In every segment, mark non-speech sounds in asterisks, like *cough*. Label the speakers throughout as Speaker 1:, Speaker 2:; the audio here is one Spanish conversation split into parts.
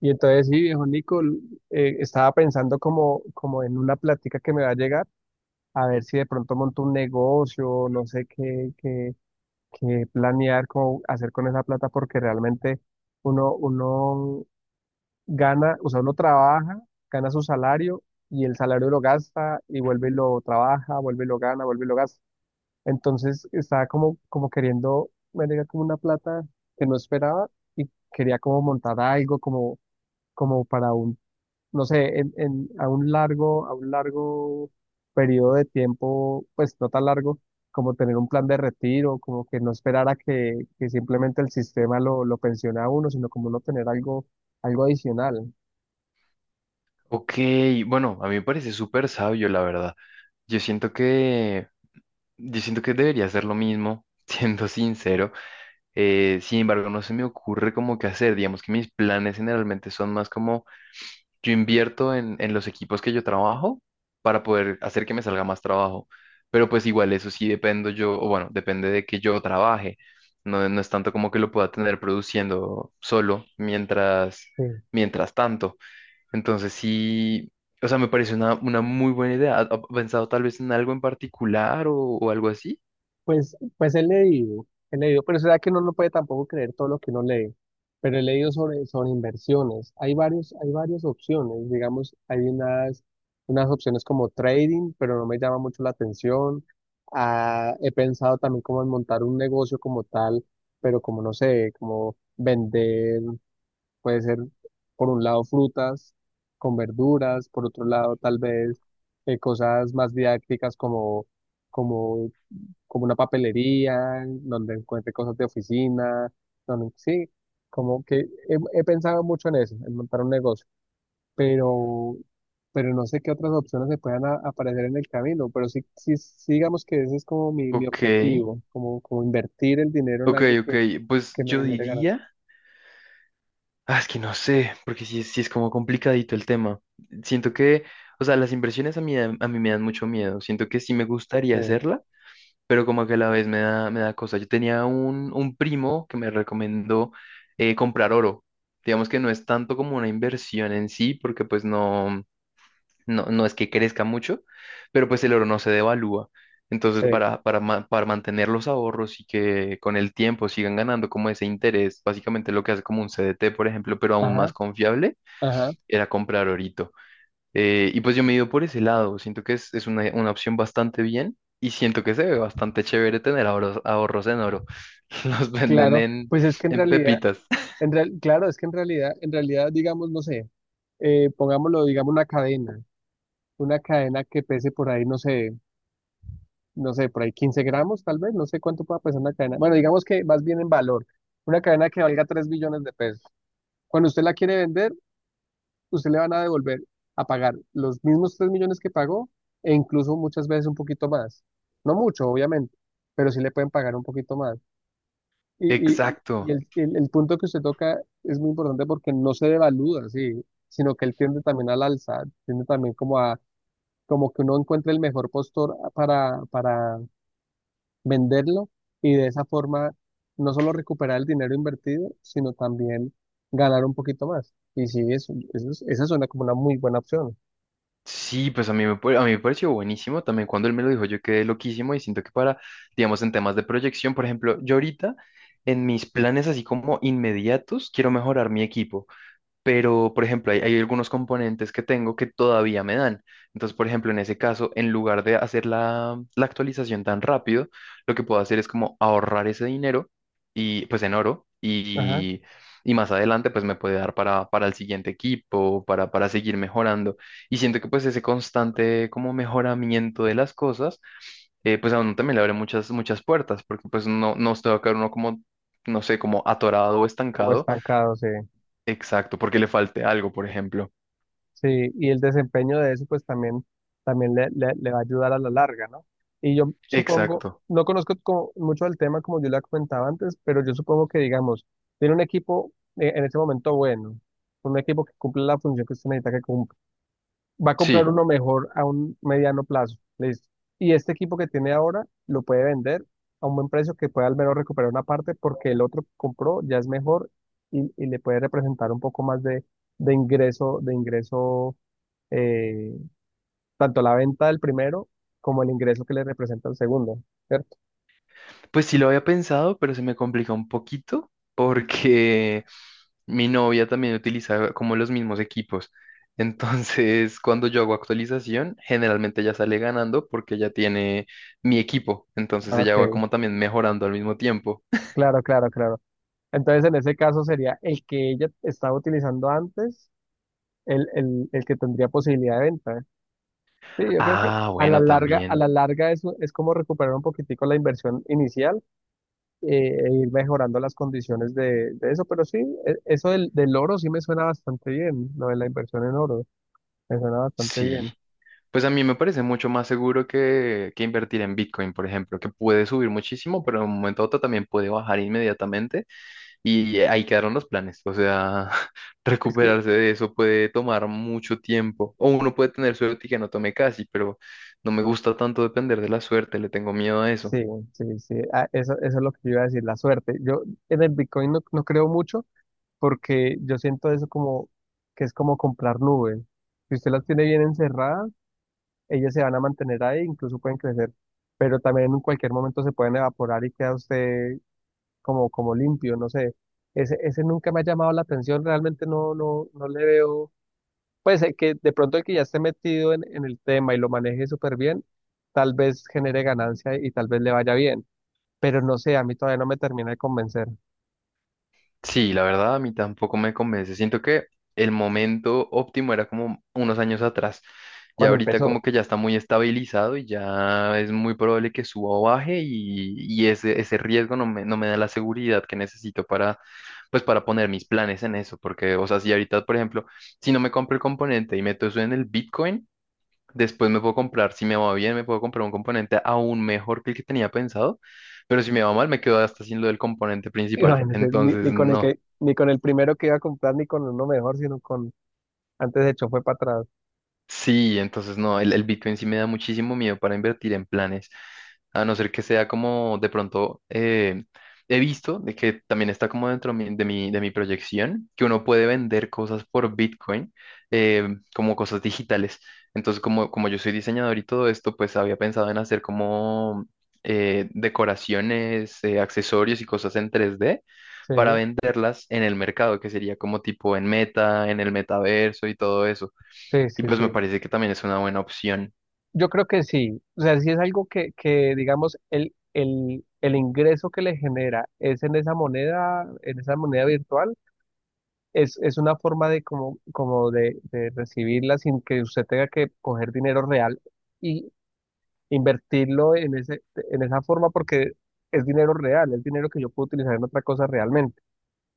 Speaker 1: Y entonces sí, viejo Nico, estaba pensando como en una plática que me va a llegar, a ver si de pronto monto un negocio, no sé qué planear, cómo hacer con esa plata, porque realmente uno gana, o sea, uno trabaja, gana su salario y el salario lo gasta y vuelve y lo trabaja, vuelve y lo gana, vuelve y lo gasta. Entonces estaba como queriendo, me llega como una plata que no esperaba y quería como montar algo como como para un no sé, a un largo periodo de tiempo, pues no tan largo, como tener un plan de retiro, como que no esperar a que simplemente el sistema lo pensione a uno, sino como no tener algo, algo adicional.
Speaker 2: Ok, bueno, a mí me parece súper sabio, la verdad. Yo siento que, yo siento que debería hacer lo mismo, *laughs* siendo sincero. Sin embargo, no se me ocurre como qué hacer. Digamos que mis planes generalmente son más como yo invierto en los equipos que yo trabajo para poder hacer que me salga más trabajo. Pero pues igual eso sí dependo yo, o bueno, depende de que yo trabaje. No es tanto como que lo pueda tener produciendo solo mientras,
Speaker 1: Sí.
Speaker 2: mientras tanto. Entonces sí, o sea, me parece una muy buena idea. ¿Ha pensado tal vez en algo en particular o algo así?
Speaker 1: Pues, pues he leído, pero será que uno no lo puede tampoco creer todo lo que uno lee. Pero he leído sobre inversiones. Hay varios, hay varias opciones. Digamos, unas opciones como trading, pero no me llama mucho la atención. Ah, he pensado también como en montar un negocio como tal, pero como no sé, como vender, puede ser por un lado frutas con verduras, por otro lado tal vez cosas más didácticas como como como una papelería, donde encuentre cosas de oficina, donde, sí, como que he pensado mucho en eso, en montar un negocio, pero, pero no sé qué otras opciones se puedan aparecer en el camino, pero sí, sí, sí digamos que ese es como mi
Speaker 2: Ok,
Speaker 1: objetivo, como, como invertir el dinero en
Speaker 2: ok,
Speaker 1: algo
Speaker 2: ok. Pues
Speaker 1: que me
Speaker 2: yo
Speaker 1: genere ganancias.
Speaker 2: diría, ah, es que no sé, porque sí, sí es como complicadito el tema. Siento que, o sea, las inversiones a mí, a mí me dan mucho miedo. Siento que sí me gustaría
Speaker 1: Sí,
Speaker 2: hacerla, pero como que a la vez me da cosa. Yo tenía un primo que me recomendó comprar oro. Digamos que no es tanto como una inversión en sí, porque pues no. No es que crezca mucho, pero pues el oro no se devalúa. Entonces,
Speaker 1: sí.
Speaker 2: para mantener los ahorros y que con el tiempo sigan ganando como ese interés, básicamente lo que hace como un CDT, por ejemplo, pero aún
Speaker 1: Ajá,
Speaker 2: más confiable,
Speaker 1: ajá,
Speaker 2: era comprar orito. Y pues yo me he ido por ese lado, siento que es una opción bastante bien y siento que se ve bastante chévere tener ahorros, ahorros en oro. *laughs* Los venden
Speaker 1: claro, pues es que en
Speaker 2: en
Speaker 1: realidad,
Speaker 2: pepitas.
Speaker 1: claro, es que en realidad, digamos, no sé, pongámoslo, digamos, una cadena que pese por ahí, no sé, no sé, por ahí 15 gramos, tal vez, no sé cuánto pueda pesar una cadena. Bueno, digamos que más bien en valor, una cadena que valga 3 millones de pesos. Cuando usted la quiere vender, usted le van a devolver a pagar los mismos 3 millones que pagó e incluso muchas veces un poquito más. No mucho, obviamente, pero sí le pueden pagar un poquito más.
Speaker 2: *laughs*
Speaker 1: Y, y, y
Speaker 2: Exacto.
Speaker 1: el punto que usted toca es muy importante porque no se devalúa, sí, sino que él tiende también al alza, tiende también como a, como que uno encuentre el mejor postor para venderlo y de esa forma no solo recuperar el dinero invertido, sino también ganar un poquito más. Y sí, esa suena como una muy buena opción.
Speaker 2: Sí, pues a mí a mí me pareció buenísimo. También cuando él me lo dijo, yo quedé loquísimo y siento que para, digamos, en temas de proyección, por ejemplo, yo ahorita en mis planes así como inmediatos, quiero mejorar mi equipo, pero por ejemplo, hay algunos componentes que tengo que todavía me dan. Entonces, por ejemplo, en ese caso, en lugar de hacer la actualización tan rápido, lo que puedo hacer es como ahorrar ese dinero y pues en oro
Speaker 1: Ajá,
Speaker 2: y más adelante pues me puede dar para el siguiente equipo, para seguir mejorando. Y siento que pues ese constante como mejoramiento de las cosas, pues a uno también le abre muchas, muchas puertas, porque pues no, no se va a quedar uno como, no sé, como atorado o
Speaker 1: como
Speaker 2: estancado.
Speaker 1: estancado, sí.
Speaker 2: Exacto, porque le falte algo, por ejemplo.
Speaker 1: Sí, y el desempeño de eso pues también, también le va a ayudar a la larga, ¿no? Y yo supongo,
Speaker 2: Exacto.
Speaker 1: no conozco como mucho del tema como yo le comentaba antes, pero yo supongo que digamos, tiene un equipo en ese momento bueno, un equipo que cumple la función que usted necesita que cumpla va a comprar
Speaker 2: Sí,
Speaker 1: uno mejor a un mediano plazo. Listo. Y este equipo que tiene ahora lo puede vender a un buen precio que pueda al menos recuperar una parte porque el otro que compró ya es mejor y le puede representar un poco más de, de ingreso, eh, tanto la venta del primero como el ingreso que le representa el segundo, ¿cierto?
Speaker 2: pues sí lo había pensado, pero se me complica un poquito porque *laughs* mi novia también utiliza como los mismos equipos. Entonces, cuando yo hago actualización, generalmente ella sale ganando porque ella tiene mi equipo. Entonces
Speaker 1: Ah,
Speaker 2: ella va
Speaker 1: ok,
Speaker 2: como también mejorando al mismo tiempo.
Speaker 1: claro, claro, claro. Entonces en ese caso sería el que ella estaba utilizando antes, el que tendría posibilidad de venta. Sí, yo creo que
Speaker 2: Ah, bueno,
Speaker 1: a
Speaker 2: también.
Speaker 1: la larga eso es como recuperar un poquitico la inversión inicial eh, e ir mejorando las condiciones de eso. Pero sí, del oro sí me suena bastante bien, lo de la inversión en oro, me suena bastante
Speaker 2: Sí.
Speaker 1: bien.
Speaker 2: Pues a mí me parece mucho más seguro que invertir en Bitcoin, por ejemplo, que puede subir muchísimo, pero en un momento a otro también puede bajar inmediatamente y ahí quedaron los planes. O sea, *laughs*
Speaker 1: Es que
Speaker 2: recuperarse de eso puede tomar mucho tiempo. O uno puede tener suerte y que no tome casi, pero no me gusta tanto depender de la suerte, le tengo miedo a eso.
Speaker 1: sí, sí, sí, ah, eso es lo que yo iba a decir, la suerte. Yo en el Bitcoin no, no creo mucho porque yo siento eso como que es como comprar nubes. Si usted las tiene bien encerradas, ellos se van a mantener ahí, incluso pueden crecer, pero también en cualquier momento se pueden evaporar y queda usted como, como limpio, no sé. Ese nunca me ha llamado la atención, realmente no, no, no le veo. Pues que de pronto el que ya esté metido en el tema y lo maneje súper bien, tal vez genere ganancia y tal vez le vaya bien, pero no sé, a mí todavía no me termina de convencer
Speaker 2: Sí, la verdad a mí tampoco me convence. Siento que el momento óptimo era como unos años atrás. Ya
Speaker 1: cuando
Speaker 2: ahorita
Speaker 1: empezó.
Speaker 2: como que ya está muy estabilizado y ya es muy probable que suba o baje y ese riesgo no me, no me da la seguridad que necesito para, pues para poner mis planes en eso. Porque, o sea, si ahorita, por ejemplo, si no me compro el componente y meto eso en el Bitcoin, después me puedo comprar, si me va bien, me puedo comprar un componente aún mejor que el que tenía pensado. Pero si me va mal, me quedo hasta sin lo del componente
Speaker 1: *laughs*
Speaker 2: principal.
Speaker 1: Imagínese, ni, ni
Speaker 2: Entonces,
Speaker 1: con el
Speaker 2: no.
Speaker 1: que, ni con el primero que iba a comprar, ni con uno mejor, sino con antes de hecho fue para atrás.
Speaker 2: Sí, entonces no, el Bitcoin sí me da muchísimo miedo para invertir en planes, a no ser que sea como de pronto he visto de que también está como de mi proyección, que uno puede vender cosas por Bitcoin eh, como cosas digitales. Entonces, como, como yo soy diseñador y todo esto, pues había pensado en hacer como decoraciones, accesorios y cosas en tres d
Speaker 1: Sí,
Speaker 2: para venderlas en el mercado, que sería como tipo en Meta, en el metaverso y todo eso.
Speaker 1: sí,
Speaker 2: Y
Speaker 1: sí,
Speaker 2: pues me
Speaker 1: sí.
Speaker 2: parece que también es una buena opción.
Speaker 1: Yo creo que sí, o sea, si es algo que digamos, el ingreso que le genera es en esa moneda virtual, es una forma de como, como de recibirla sin que usted tenga que coger dinero real y invertirlo en ese, en esa forma porque es dinero real, es dinero que yo puedo utilizar en otra cosa realmente.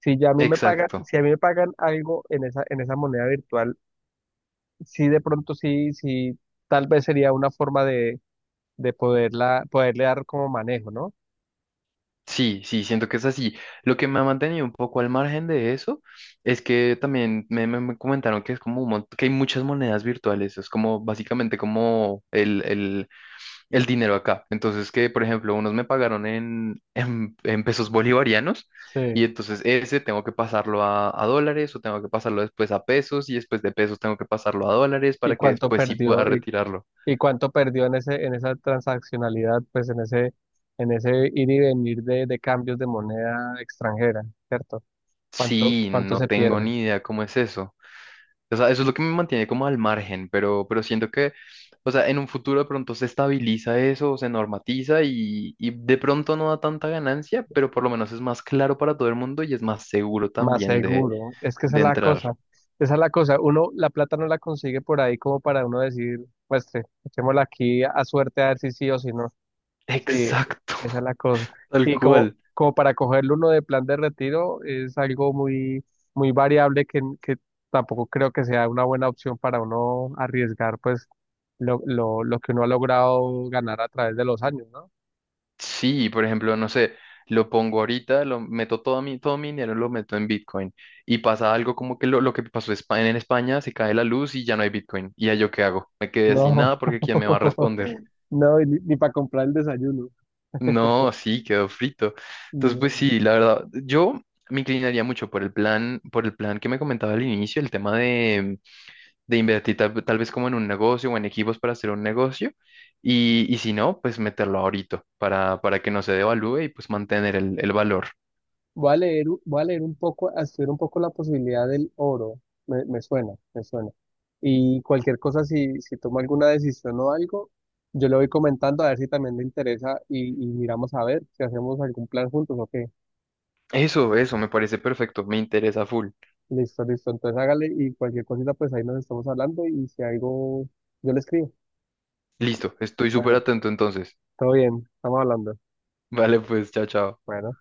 Speaker 1: Si ya a mí me pagan,
Speaker 2: Exacto.
Speaker 1: si a mí me pagan algo en esa moneda virtual, sí de pronto sí, sí, tal vez sería una forma de poderla, poderle dar como manejo, ¿no?
Speaker 2: Sí, sí, siento que es así. Lo que me ha mantenido un poco al margen de eso es que también me comentaron que es como un que hay muchas monedas virtuales. Es como básicamente como el dinero acá. Entonces, que por ejemplo, unos me pagaron en, *laughs* en pesos bolivarianos y
Speaker 1: Sí.
Speaker 2: entonces ese tengo que pasarlo a dólares o tengo que pasarlo después a pesos y después de pesos tengo que pasarlo a dólares
Speaker 1: ¿Y
Speaker 2: para que
Speaker 1: cuánto
Speaker 2: después sí pueda
Speaker 1: perdió?
Speaker 2: retirarlo.
Speaker 1: Y cuánto perdió en ese, en esa transaccionalidad, pues en ese ir y venir de cambios de moneda extranjera, cierto? ¿Cuánto,
Speaker 2: Sí,
Speaker 1: cuánto
Speaker 2: no
Speaker 1: se
Speaker 2: tengo
Speaker 1: pierde?
Speaker 2: ni idea cómo es eso. O sea, eso es lo que me mantiene como al margen, pero siento que, o sea, en un futuro de pronto se estabiliza eso, o se normatiza y de pronto no da tanta ganancia, pero por lo menos es más claro para todo el mundo y es más seguro
Speaker 1: Más
Speaker 2: también
Speaker 1: seguro. Es que esa
Speaker 2: de
Speaker 1: es la
Speaker 2: entrar.
Speaker 1: cosa. Esa es la cosa. Uno, la plata no la consigue por ahí como para uno decir, pues, echémosla aquí a suerte a ver si sí o si no. Sí,
Speaker 2: Exacto,
Speaker 1: esa es la cosa.
Speaker 2: *laughs* tal
Speaker 1: Y como,
Speaker 2: cual.
Speaker 1: como para cogerlo uno de plan de retiro es algo muy, muy variable que tampoco creo que sea una buena opción para uno arriesgar pues lo que uno ha logrado ganar a través de los años, ¿no?
Speaker 2: Sí, por ejemplo, no sé, lo pongo ahorita, lo meto todo mi dinero, lo meto en Bitcoin y pasa algo como que lo que pasó en en España, se cae la luz y ya no hay Bitcoin. ¿Y ya yo qué hago? Me quedé sin
Speaker 1: No,
Speaker 2: nada porque ¿quién me va a
Speaker 1: *laughs*
Speaker 2: responder?
Speaker 1: no, y ni, para comprar el desayuno.
Speaker 2: No, sí, quedó frito. Entonces, pues
Speaker 1: No.
Speaker 2: sí, la verdad, yo me inclinaría mucho por el plan que me comentaba al inicio, el tema de invertir tal vez como en un negocio o en equipos para hacer un negocio y si no, pues meterlo ahorita para que no se devalúe y pues mantener el valor.
Speaker 1: Voy a leer, voy a leer un poco, a estudiar un poco la posibilidad del oro. Me suena, me suena. Y cualquier cosa, si, si tomo alguna decisión o algo, yo le voy comentando a ver si también le interesa y miramos a ver si hacemos algún plan juntos o qué.
Speaker 2: Eso me parece perfecto, me interesa full.
Speaker 1: Listo, listo. Entonces hágale y cualquier cosita, pues ahí nos estamos hablando y si algo, yo le escribo.
Speaker 2: Listo, estoy súper
Speaker 1: Bueno,
Speaker 2: atento entonces.
Speaker 1: todo bien, estamos hablando.
Speaker 2: Vale, pues, chao, chao.
Speaker 1: Bueno.